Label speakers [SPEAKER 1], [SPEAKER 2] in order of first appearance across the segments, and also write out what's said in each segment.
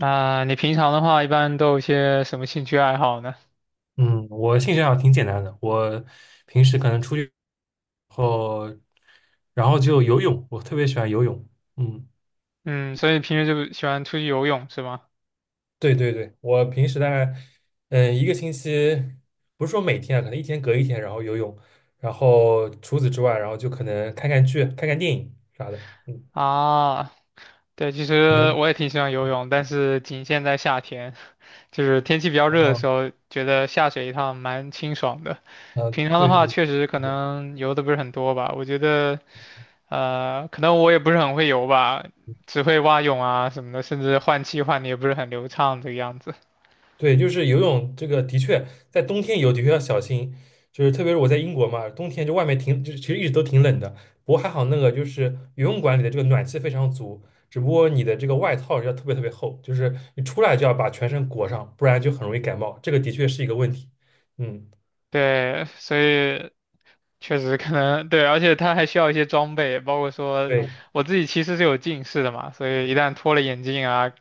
[SPEAKER 1] 啊，你平常的话，一般都有些什么兴趣爱好呢？
[SPEAKER 2] 嗯，我兴趣爱好挺简单的，我平时可能出去后，然后就游泳，我特别喜欢游泳。嗯，
[SPEAKER 1] 嗯，所以平时就喜欢出去游泳是吗？
[SPEAKER 2] 对对对，我平时大概一个星期，不是说每天啊，可能一天隔一天，然后游泳，然后除此之外，然后就可能看看剧、看看电影啥的。嗯，
[SPEAKER 1] 啊，对，其
[SPEAKER 2] 你
[SPEAKER 1] 实
[SPEAKER 2] 呢？
[SPEAKER 1] 我也挺喜欢游泳，但是仅限在夏天，就是天气比较热的
[SPEAKER 2] 哦，
[SPEAKER 1] 时候，觉得下水一趟蛮清爽的。
[SPEAKER 2] 啊，
[SPEAKER 1] 平常的
[SPEAKER 2] 对
[SPEAKER 1] 话，
[SPEAKER 2] 对，
[SPEAKER 1] 确实可能游的不是很多吧。我觉得，可能我也不是很会游吧，只会蛙泳啊什么的，甚至换气换的也不是很流畅这个样子。
[SPEAKER 2] 对，就是游泳这个的确在冬天游的确要小心，就是特别是我在英国嘛，冬天就外面挺，就是其实一直都挺冷的。不过还好那个就是游泳馆里的这个暖气非常足，只不过你的这个外套要特别特别厚，就是你出来就要把全身裹上，不然就很容易感冒。这个的确是一个问题。嗯，
[SPEAKER 1] 对，所以确实可能对，而且它还需要一些装备，包括说
[SPEAKER 2] 对
[SPEAKER 1] 我自己其实是有近视的嘛，所以一旦脱了眼镜啊，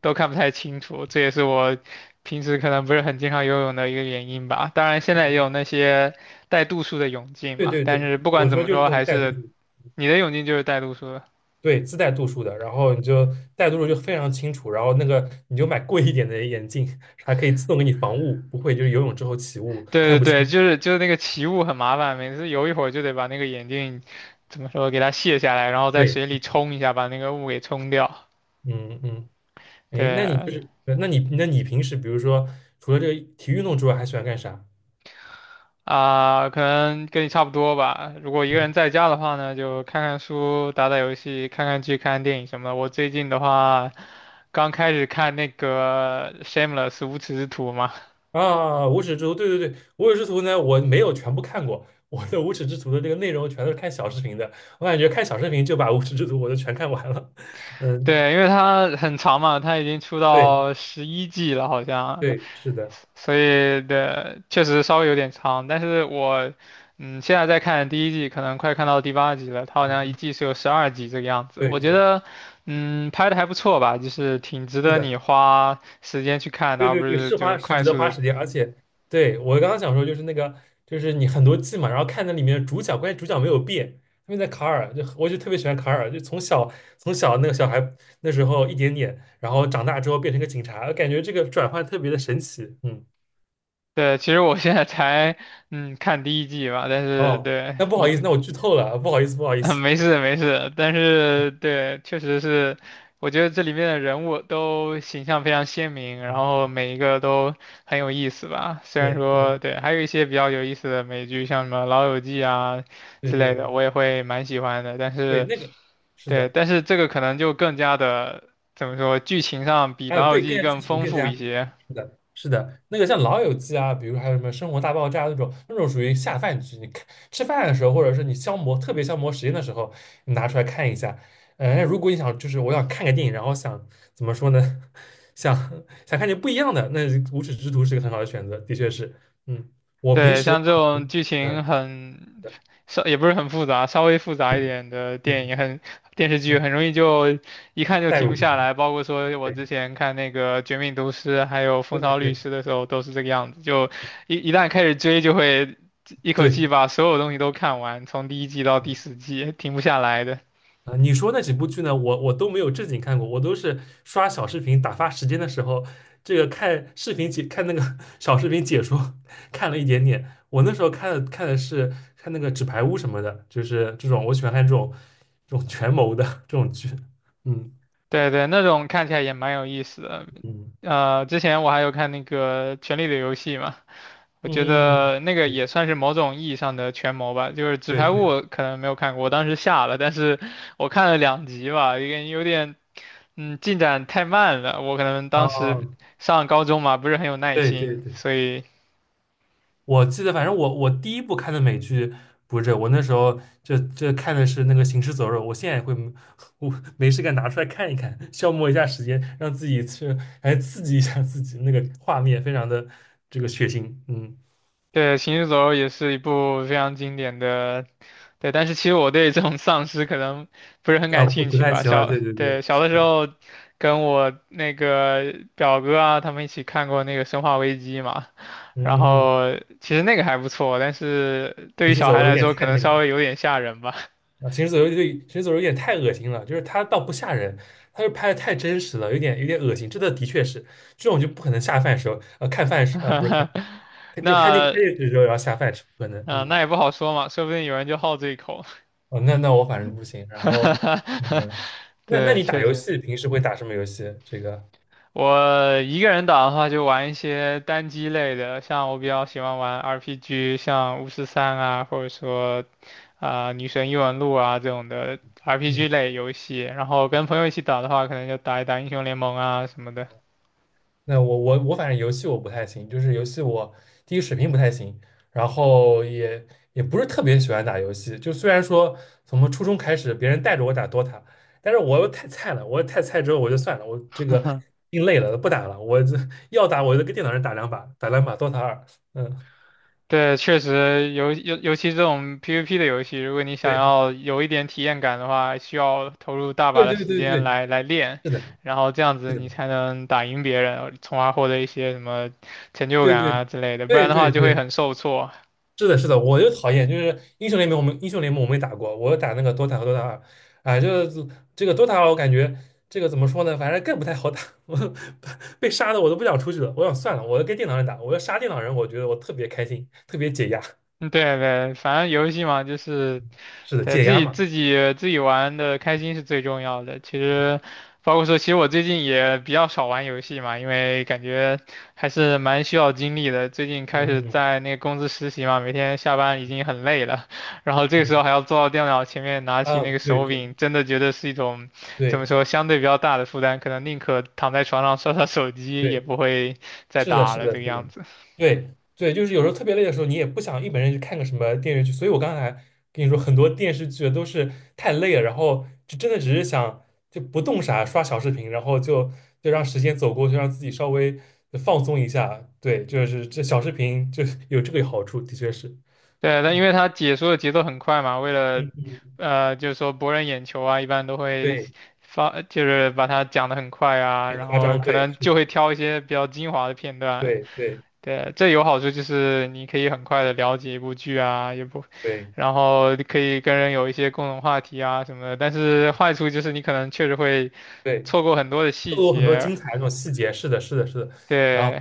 [SPEAKER 1] 都看不太清楚，这也是我平时可能不是很经常游泳的一个原因吧。当然，现在也有那些带度数的泳镜
[SPEAKER 2] 对
[SPEAKER 1] 嘛，
[SPEAKER 2] 对
[SPEAKER 1] 但
[SPEAKER 2] 对，
[SPEAKER 1] 是不
[SPEAKER 2] 我
[SPEAKER 1] 管怎
[SPEAKER 2] 说
[SPEAKER 1] 么
[SPEAKER 2] 就是
[SPEAKER 1] 说，
[SPEAKER 2] 那个
[SPEAKER 1] 还
[SPEAKER 2] 带度
[SPEAKER 1] 是
[SPEAKER 2] 数，
[SPEAKER 1] 你的泳镜就是带度数的。
[SPEAKER 2] 对，自带度数的，然后你就带度数就非常清楚，然后那个你就买贵一点的眼镜，还可以自动给你防雾，不会就是游泳之后起雾看
[SPEAKER 1] 对对
[SPEAKER 2] 不
[SPEAKER 1] 对，
[SPEAKER 2] 清。
[SPEAKER 1] 就是那个起雾很麻烦，每次游一会儿就得把那个眼镜怎么说给它卸下来，然后在
[SPEAKER 2] 对，
[SPEAKER 1] 水里冲一下，把那个雾给冲掉。
[SPEAKER 2] 嗯嗯，哎，那你就
[SPEAKER 1] 对
[SPEAKER 2] 是，那你那你平时比如说，除了这个体育运动之外，还喜欢干啥？
[SPEAKER 1] 啊，可能跟你差不多吧。如果一个
[SPEAKER 2] 嗯
[SPEAKER 1] 人在家的话呢，就看看书、打打游戏、看看剧、看看电影什么的。我最近的话，刚开始看那个《Shameless》无耻之徒嘛，
[SPEAKER 2] 啊，无耻之徒，对对对，无耻之徒呢，我没有全部看过，我的无耻之徒的这个内容全都是看小视频的，我感觉看小视频就把无耻之徒我都全看完了。嗯，
[SPEAKER 1] 对，因为它很长嘛，它已经出
[SPEAKER 2] 对
[SPEAKER 1] 到11季了，好像。
[SPEAKER 2] 对，是的，
[SPEAKER 1] 所以的确实稍微有点长，但是我现在在看第一季，可能快看到第8集了，它好像一
[SPEAKER 2] 嗯，
[SPEAKER 1] 季是有12集这个样子，
[SPEAKER 2] 对
[SPEAKER 1] 我觉
[SPEAKER 2] 对
[SPEAKER 1] 得拍的还不错吧，就是挺值
[SPEAKER 2] 是
[SPEAKER 1] 得你
[SPEAKER 2] 的。
[SPEAKER 1] 花时间去看的，
[SPEAKER 2] 对
[SPEAKER 1] 而
[SPEAKER 2] 对
[SPEAKER 1] 不
[SPEAKER 2] 对，
[SPEAKER 1] 是
[SPEAKER 2] 是花
[SPEAKER 1] 就
[SPEAKER 2] 是
[SPEAKER 1] 快
[SPEAKER 2] 值得
[SPEAKER 1] 速
[SPEAKER 2] 花
[SPEAKER 1] 的。
[SPEAKER 2] 时间，而且对我刚刚想说就是那个就是你很多季嘛，然后看那里面的主角，关键主角没有变，他们在卡尔，就我就特别喜欢卡尔，就从小那个小孩那时候一点点，然后长大之后变成个警察，感觉这个转换特别的神奇，嗯，
[SPEAKER 1] 对，其实我现在才看第一季吧，但是
[SPEAKER 2] 哦，
[SPEAKER 1] 对
[SPEAKER 2] 那不好
[SPEAKER 1] 你
[SPEAKER 2] 意思，
[SPEAKER 1] 这
[SPEAKER 2] 那我剧透了，不好意思不好 意
[SPEAKER 1] 啊，
[SPEAKER 2] 思，
[SPEAKER 1] 没事没事，但是对，确实是，我觉得这里面的人物都形象非常鲜明，然
[SPEAKER 2] 嗯，
[SPEAKER 1] 后每一个都很有意思吧。虽然
[SPEAKER 2] 对对
[SPEAKER 1] 说对，还有一些比较有意思的美剧，像什么《老友记》啊
[SPEAKER 2] 对
[SPEAKER 1] 之
[SPEAKER 2] 对
[SPEAKER 1] 类的，
[SPEAKER 2] 对
[SPEAKER 1] 我也会蛮喜欢的。但
[SPEAKER 2] 对，
[SPEAKER 1] 是
[SPEAKER 2] 那个是
[SPEAKER 1] 对，
[SPEAKER 2] 的。
[SPEAKER 1] 但是这个可能就更加的怎么说，剧情上比
[SPEAKER 2] 还有
[SPEAKER 1] 《老友
[SPEAKER 2] 对更
[SPEAKER 1] 记》
[SPEAKER 2] 加剧
[SPEAKER 1] 更
[SPEAKER 2] 情
[SPEAKER 1] 丰
[SPEAKER 2] 更
[SPEAKER 1] 富
[SPEAKER 2] 加
[SPEAKER 1] 一些。
[SPEAKER 2] 是的，是的，那个像《老友记》啊，比如还有什么《生活大爆炸》那种，那种属于下饭剧，你看吃饭的时候，或者是你特别消磨时间的时候，你拿出来看一下。如果你想就是我想看个电影，然后想怎么说呢，想想看点不一样的，那《无耻之徒》是个很好的选择，的确是。嗯，我平
[SPEAKER 1] 对，
[SPEAKER 2] 时的
[SPEAKER 1] 像这
[SPEAKER 2] 话，我
[SPEAKER 1] 种剧情
[SPEAKER 2] 嗯
[SPEAKER 1] 很稍也不是很复杂，稍微复杂
[SPEAKER 2] 对
[SPEAKER 1] 一点的电
[SPEAKER 2] 嗯
[SPEAKER 1] 影很电视
[SPEAKER 2] 嗯，
[SPEAKER 1] 剧
[SPEAKER 2] 嗯
[SPEAKER 1] 很容易就一看就
[SPEAKER 2] 代
[SPEAKER 1] 停
[SPEAKER 2] 入
[SPEAKER 1] 不
[SPEAKER 2] 进
[SPEAKER 1] 下
[SPEAKER 2] 去，
[SPEAKER 1] 来。包括说我
[SPEAKER 2] 对
[SPEAKER 1] 之前看那个《绝命毒师》还有《风
[SPEAKER 2] 对对
[SPEAKER 1] 骚律
[SPEAKER 2] 对
[SPEAKER 1] 师》的时候都是这个样子，就一旦开始追就会一口
[SPEAKER 2] 对，
[SPEAKER 1] 气把所有东西都看完，从第一季到第
[SPEAKER 2] 嗯。
[SPEAKER 1] 十季停不下来的。
[SPEAKER 2] 啊，你说那几部剧呢？我都没有正经看过，我都是刷小视频打发时间的时候，这个看视频解看那个 小视频解说，看了一点点。我那时候看的是看那个《纸牌屋》什么的，就是这种我喜欢看这种这种权谋的这种剧。嗯
[SPEAKER 1] 对对，那种看起来也蛮有意思的。
[SPEAKER 2] 嗯，
[SPEAKER 1] 之前我还有看那个《权力的游戏》嘛，我觉
[SPEAKER 2] 嗯嗯
[SPEAKER 1] 得那个也
[SPEAKER 2] 嗯，
[SPEAKER 1] 算是某种意义上的权谋吧。就是《纸
[SPEAKER 2] 对
[SPEAKER 1] 牌屋》
[SPEAKER 2] 对对，
[SPEAKER 1] 我可能没有看过，我当时下了，但是我看了2集吧，有点，嗯，进展太慢了。我可能当
[SPEAKER 2] 啊，
[SPEAKER 1] 时上高中嘛，不是很有耐
[SPEAKER 2] 对对
[SPEAKER 1] 心，
[SPEAKER 2] 对，
[SPEAKER 1] 所以
[SPEAKER 2] 我记得，反正我第一部看的美剧不是这个我那时候就看的是那个《行尸走肉》，我现在也会没 我没事干拿出来看一看，消磨一下时间，让自己去哎刺激一下自己，那个画面非常的这个血腥，嗯
[SPEAKER 1] 对《行尸走肉》也是一部非常经典的对，但是其实我对这种丧尸可能不是很
[SPEAKER 2] 啊
[SPEAKER 1] 感
[SPEAKER 2] 不
[SPEAKER 1] 兴
[SPEAKER 2] 不
[SPEAKER 1] 趣
[SPEAKER 2] 太
[SPEAKER 1] 吧。
[SPEAKER 2] 喜欢，
[SPEAKER 1] 小，
[SPEAKER 2] 对对对，
[SPEAKER 1] 对，小
[SPEAKER 2] 是
[SPEAKER 1] 的时
[SPEAKER 2] 的，
[SPEAKER 1] 候跟我那个表哥啊，他们一起看过那个《生化危机》嘛，
[SPEAKER 2] 嗯
[SPEAKER 1] 然
[SPEAKER 2] 嗯嗯，
[SPEAKER 1] 后其实那个还不错，但是对于
[SPEAKER 2] 《行尸
[SPEAKER 1] 小
[SPEAKER 2] 走
[SPEAKER 1] 孩
[SPEAKER 2] 肉》有
[SPEAKER 1] 来
[SPEAKER 2] 点
[SPEAKER 1] 说，可
[SPEAKER 2] 太
[SPEAKER 1] 能
[SPEAKER 2] 那个
[SPEAKER 1] 稍
[SPEAKER 2] 了。
[SPEAKER 1] 微有点吓人吧。
[SPEAKER 2] 啊，行尸走肉对，行尸走肉有点太恶心了，就是它倒不吓人，它就拍的太真实了，有点恶心。这的的确是这种就不可能下饭时候，看饭时，不是看饭看就看进看
[SPEAKER 1] 那，
[SPEAKER 2] 电视的时候要下饭吃，不可能。
[SPEAKER 1] 嗯、
[SPEAKER 2] 嗯，
[SPEAKER 1] 那也不好说嘛，说不定有人就好这一口。
[SPEAKER 2] 哦，那那我反正不行。然后，嗯，那那
[SPEAKER 1] 对，
[SPEAKER 2] 你打
[SPEAKER 1] 确
[SPEAKER 2] 游
[SPEAKER 1] 实。
[SPEAKER 2] 戏平时会打什么游戏？这个，
[SPEAKER 1] 我一个人打的话，就玩一些单机类的，像我比较喜欢玩 RPG,像巫师三啊，或者说啊、女神异闻录啊这种的
[SPEAKER 2] 嗯。
[SPEAKER 1] RPG 类游戏。然后跟朋友一起打的话，可能就打一打英雄联盟啊什么的。
[SPEAKER 2] 那我反正游戏我不太行，就是游戏我第一水平不太行，然后也也不是特别喜欢打游戏。就虽然说从初中开始别人带着我打 DOTA，但是我又太菜了，我太菜之后我就算了，我这个心累了不打了，我这要打我就跟电脑上打两把，打两把 DOTA 二。嗯，
[SPEAKER 1] 对，确实，尤其这种 PVP 的游戏，如果你想
[SPEAKER 2] 对
[SPEAKER 1] 要有一点体验感的话，需要投入大把
[SPEAKER 2] 对
[SPEAKER 1] 的
[SPEAKER 2] 对
[SPEAKER 1] 时
[SPEAKER 2] 对对，
[SPEAKER 1] 间来练，
[SPEAKER 2] 是的，
[SPEAKER 1] 然后这样
[SPEAKER 2] 是
[SPEAKER 1] 子
[SPEAKER 2] 的，
[SPEAKER 1] 你才能打赢别人，从而获得一些什么成就
[SPEAKER 2] 对
[SPEAKER 1] 感
[SPEAKER 2] 对
[SPEAKER 1] 啊之类的，不然
[SPEAKER 2] 对
[SPEAKER 1] 的话
[SPEAKER 2] 对
[SPEAKER 1] 就会
[SPEAKER 2] 对
[SPEAKER 1] 很受挫。
[SPEAKER 2] 是的，是的，我就讨厌，就是英雄联盟，我们英雄联盟我没打过，我打那个 DOTA 和 DOTA 二，啊，就是这个 DOTA 二，我感觉这个怎么说呢，反正更不太好打，我被杀的我都不想出去了，我想算了，我要跟电脑人打，我要杀电脑人，我觉得我特别开心，特别解压，
[SPEAKER 1] 嗯对对，反正游戏嘛，就是
[SPEAKER 2] 是的，
[SPEAKER 1] 对，
[SPEAKER 2] 解
[SPEAKER 1] 自
[SPEAKER 2] 压
[SPEAKER 1] 己
[SPEAKER 2] 嘛，
[SPEAKER 1] 自己自己玩的开心是最重要的。其实，包括说，其实我最近也比较少玩游戏嘛，因为感觉还是蛮需要精力的。最近开始
[SPEAKER 2] 嗯嗯
[SPEAKER 1] 在那个公司实习嘛，每天下班已经很累了，然后这个
[SPEAKER 2] 嗯，
[SPEAKER 1] 时候还要坐到电脑前面拿起
[SPEAKER 2] 啊，
[SPEAKER 1] 那个
[SPEAKER 2] 对
[SPEAKER 1] 手
[SPEAKER 2] 对
[SPEAKER 1] 柄，真的觉得是一种怎么
[SPEAKER 2] 对
[SPEAKER 1] 说相对比较大的负担，可能宁可躺在床上刷刷手机，也
[SPEAKER 2] 对。
[SPEAKER 1] 不会再
[SPEAKER 2] 是的，
[SPEAKER 1] 打
[SPEAKER 2] 是
[SPEAKER 1] 了
[SPEAKER 2] 的，
[SPEAKER 1] 这
[SPEAKER 2] 是
[SPEAKER 1] 个样
[SPEAKER 2] 的，
[SPEAKER 1] 子。
[SPEAKER 2] 对对，就是有时候特别累的时候，你也不想一本正经去看个什么电视剧，所以我刚才跟你说，很多电视剧都是太累了，然后就真的只是想就不动啥，刷小视频，然后就让时间走过去，让自己稍微放松一下。对，就是这小视频就 有这个好处，的确是，
[SPEAKER 1] 对，那因
[SPEAKER 2] 嗯
[SPEAKER 1] 为他解说的节奏很快嘛，为了
[SPEAKER 2] 嗯嗯，
[SPEAKER 1] 就是说博人眼球啊，一般都会
[SPEAKER 2] 对，
[SPEAKER 1] 发，就是把它讲得很快啊，
[SPEAKER 2] 很
[SPEAKER 1] 然
[SPEAKER 2] 夸
[SPEAKER 1] 后
[SPEAKER 2] 张，
[SPEAKER 1] 可
[SPEAKER 2] 对，
[SPEAKER 1] 能
[SPEAKER 2] 是
[SPEAKER 1] 就
[SPEAKER 2] 的，
[SPEAKER 1] 会挑一些比较精华的片段。
[SPEAKER 2] 对对
[SPEAKER 1] 对，这有好处就是你可以很快的了解一部剧啊，也不，
[SPEAKER 2] 对
[SPEAKER 1] 然后可以跟人有一些共同话题啊什么的。但是坏处就是你可能确实会
[SPEAKER 2] 对，
[SPEAKER 1] 错过很多的
[SPEAKER 2] 就
[SPEAKER 1] 细
[SPEAKER 2] 有很多
[SPEAKER 1] 节。
[SPEAKER 2] 精彩的那种细节，是的，是的，是的。然后。
[SPEAKER 1] 对，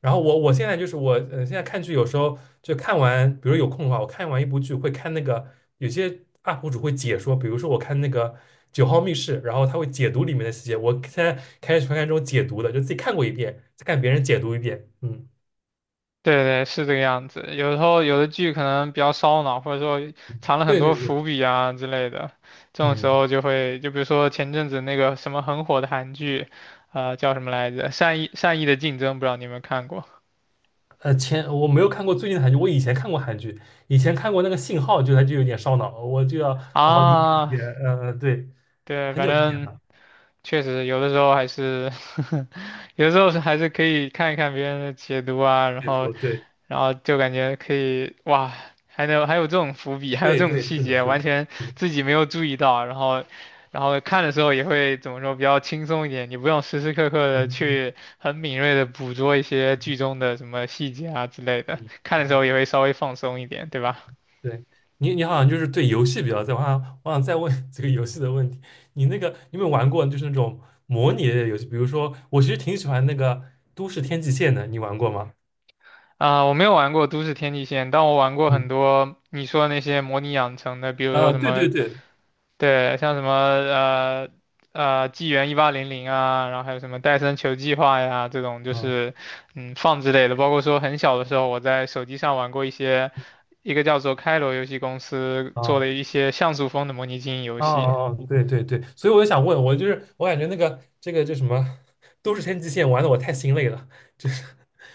[SPEAKER 2] 然后我现在就是我，现在看剧有时候就看完，比如有空的话，我看完一部剧会看那个有些 UP 主会解说，比如说我看那个《九号密室》，然后他会解读里面的细节。我现在开始看这种解读的，就自己看过一遍，再看别人解读一遍。嗯，
[SPEAKER 1] 对对，是这个样子。有时候有的剧可能比较烧脑，或者说藏了很
[SPEAKER 2] 对对
[SPEAKER 1] 多
[SPEAKER 2] 对，
[SPEAKER 1] 伏笔啊之类的，这种时
[SPEAKER 2] 嗯，
[SPEAKER 1] 候就会，就比如说前阵子那个什么很火的韩剧，叫什么来着？《善意的竞争》，不知道你有没有看过
[SPEAKER 2] 前我没有看过最近的韩剧，我以前看过韩剧，以前看过那个《信号》，就它就有点烧脑，我就要好好理解理
[SPEAKER 1] 啊？
[SPEAKER 2] 解。对，
[SPEAKER 1] 对，
[SPEAKER 2] 很
[SPEAKER 1] 反
[SPEAKER 2] 久之前
[SPEAKER 1] 正
[SPEAKER 2] 了，
[SPEAKER 1] 确实有的时候还是，有的时候是还是可以看一看别人的解读啊，然
[SPEAKER 2] 解
[SPEAKER 1] 后，
[SPEAKER 2] 说，对
[SPEAKER 1] 然后就感觉可以，哇，还有这种伏笔，还有
[SPEAKER 2] 对
[SPEAKER 1] 这种
[SPEAKER 2] 对，是
[SPEAKER 1] 细
[SPEAKER 2] 的，
[SPEAKER 1] 节，
[SPEAKER 2] 是
[SPEAKER 1] 完
[SPEAKER 2] 的，
[SPEAKER 1] 全
[SPEAKER 2] 是的，
[SPEAKER 1] 自己没有注意到，然后，然后看的时候也会怎么说，比较轻松一点，你不用时时刻刻的
[SPEAKER 2] 嗯嗯
[SPEAKER 1] 去很敏锐的捕捉一些剧中的什么细节啊之类的，
[SPEAKER 2] 嗯。
[SPEAKER 1] 看的时
[SPEAKER 2] 嗯
[SPEAKER 1] 候也会稍微放松一点，对吧？
[SPEAKER 2] 对你，你好像就是对游戏比较在行。我想，我想再问 这个游戏的问题。你那个，你有没有玩过就是那种模拟类的游戏？比如说，我其实挺喜欢那个《都市天际线》的，你玩过吗？
[SPEAKER 1] 啊，我没有玩过都市天际线，但我玩过很
[SPEAKER 2] 嗯，
[SPEAKER 1] 多你说的那些模拟养成的，比如说
[SPEAKER 2] 啊、
[SPEAKER 1] 什
[SPEAKER 2] 对
[SPEAKER 1] 么，
[SPEAKER 2] 对对，
[SPEAKER 1] 对，像什么呃纪元1800啊，然后还有什么戴森球计划呀这种，就
[SPEAKER 2] 嗯
[SPEAKER 1] 是嗯放之类的。包括说很小的时候，我在手机上玩过一些一个叫做开罗游戏公司做
[SPEAKER 2] 啊、
[SPEAKER 1] 的一些像素风的模拟经营游
[SPEAKER 2] 哦
[SPEAKER 1] 戏。
[SPEAKER 2] 哦，哦对对对，所以我就想问，我就是我感觉那个这个叫什么都市天际线玩的我太心累了，就是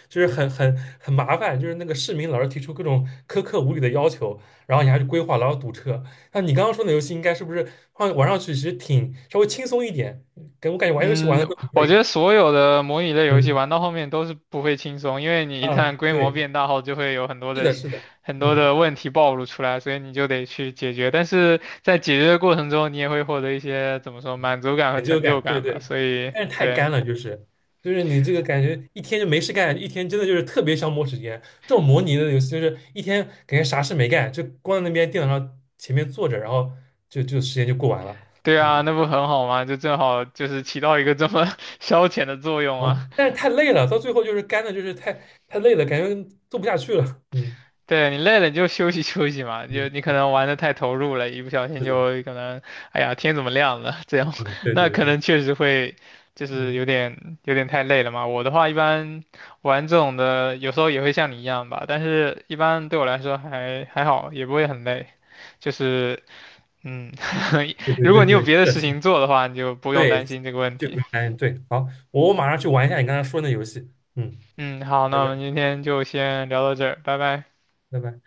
[SPEAKER 2] 就是很麻烦，就是那个市民老是提出各种苛刻无理的要求，然后你还去规划，然后堵车。那你刚刚说的游戏，应该是不是放玩上去其实挺稍微轻松一点？给我感觉玩游戏
[SPEAKER 1] 嗯，
[SPEAKER 2] 玩的都很
[SPEAKER 1] 我觉
[SPEAKER 2] 累。
[SPEAKER 1] 得所有的模拟类游戏
[SPEAKER 2] 嗯
[SPEAKER 1] 玩到后面都是不会轻松，因为你一
[SPEAKER 2] 啊，
[SPEAKER 1] 旦规模
[SPEAKER 2] 对，
[SPEAKER 1] 变大后，就会有很多
[SPEAKER 2] 是
[SPEAKER 1] 的
[SPEAKER 2] 的，是的，
[SPEAKER 1] 很多
[SPEAKER 2] 嗯。
[SPEAKER 1] 的问题暴露出来，所以你就得去解决。但是在解决的过程中，你也会获得一些怎么说满足感和
[SPEAKER 2] 成就
[SPEAKER 1] 成就
[SPEAKER 2] 感，对
[SPEAKER 1] 感吧。
[SPEAKER 2] 对，
[SPEAKER 1] 所以，
[SPEAKER 2] 但是太
[SPEAKER 1] 对
[SPEAKER 2] 干了，就是就是你这个感觉一天就没事干，一天真的就是特别消磨时间。这种模拟的游戏就是一天感觉啥事没干，就光在那边电脑上前面坐着，然后就时间就过完了，
[SPEAKER 1] 对啊，
[SPEAKER 2] 嗯，
[SPEAKER 1] 那不很好吗？就正好就是起到一个这么 消遣的作用啊。
[SPEAKER 2] 哦，但是太累了，到最后就是干的，就是太累了，感觉做不下去了，嗯
[SPEAKER 1] 对你累了，你就休息 休息嘛，
[SPEAKER 2] 嗯，
[SPEAKER 1] 就你可能玩的太投入了，一不小心
[SPEAKER 2] 是的，
[SPEAKER 1] 就可能，哎呀，天怎么亮了？这样，
[SPEAKER 2] 嗯，对
[SPEAKER 1] 那
[SPEAKER 2] 对
[SPEAKER 1] 可
[SPEAKER 2] 对，
[SPEAKER 1] 能确实会，就是
[SPEAKER 2] 嗯，
[SPEAKER 1] 有点太累了嘛。我的话，一般玩这种的，有时候也会像你一样吧，但是一般对我来说还还好，也不会很累。就是，嗯，
[SPEAKER 2] 对 对
[SPEAKER 1] 如
[SPEAKER 2] 对
[SPEAKER 1] 果你
[SPEAKER 2] 对，
[SPEAKER 1] 有
[SPEAKER 2] 是
[SPEAKER 1] 别的
[SPEAKER 2] 的，
[SPEAKER 1] 事
[SPEAKER 2] 是的
[SPEAKER 1] 情做的话，你就不用
[SPEAKER 2] 对
[SPEAKER 1] 担心这个问
[SPEAKER 2] 对，不
[SPEAKER 1] 题。
[SPEAKER 2] 用担心，对，好，我马上去玩一下你刚才说那游戏，嗯，
[SPEAKER 1] 嗯，好，
[SPEAKER 2] 拜
[SPEAKER 1] 那我
[SPEAKER 2] 拜，
[SPEAKER 1] 们今天就先聊到这儿，拜拜。
[SPEAKER 2] 拜拜。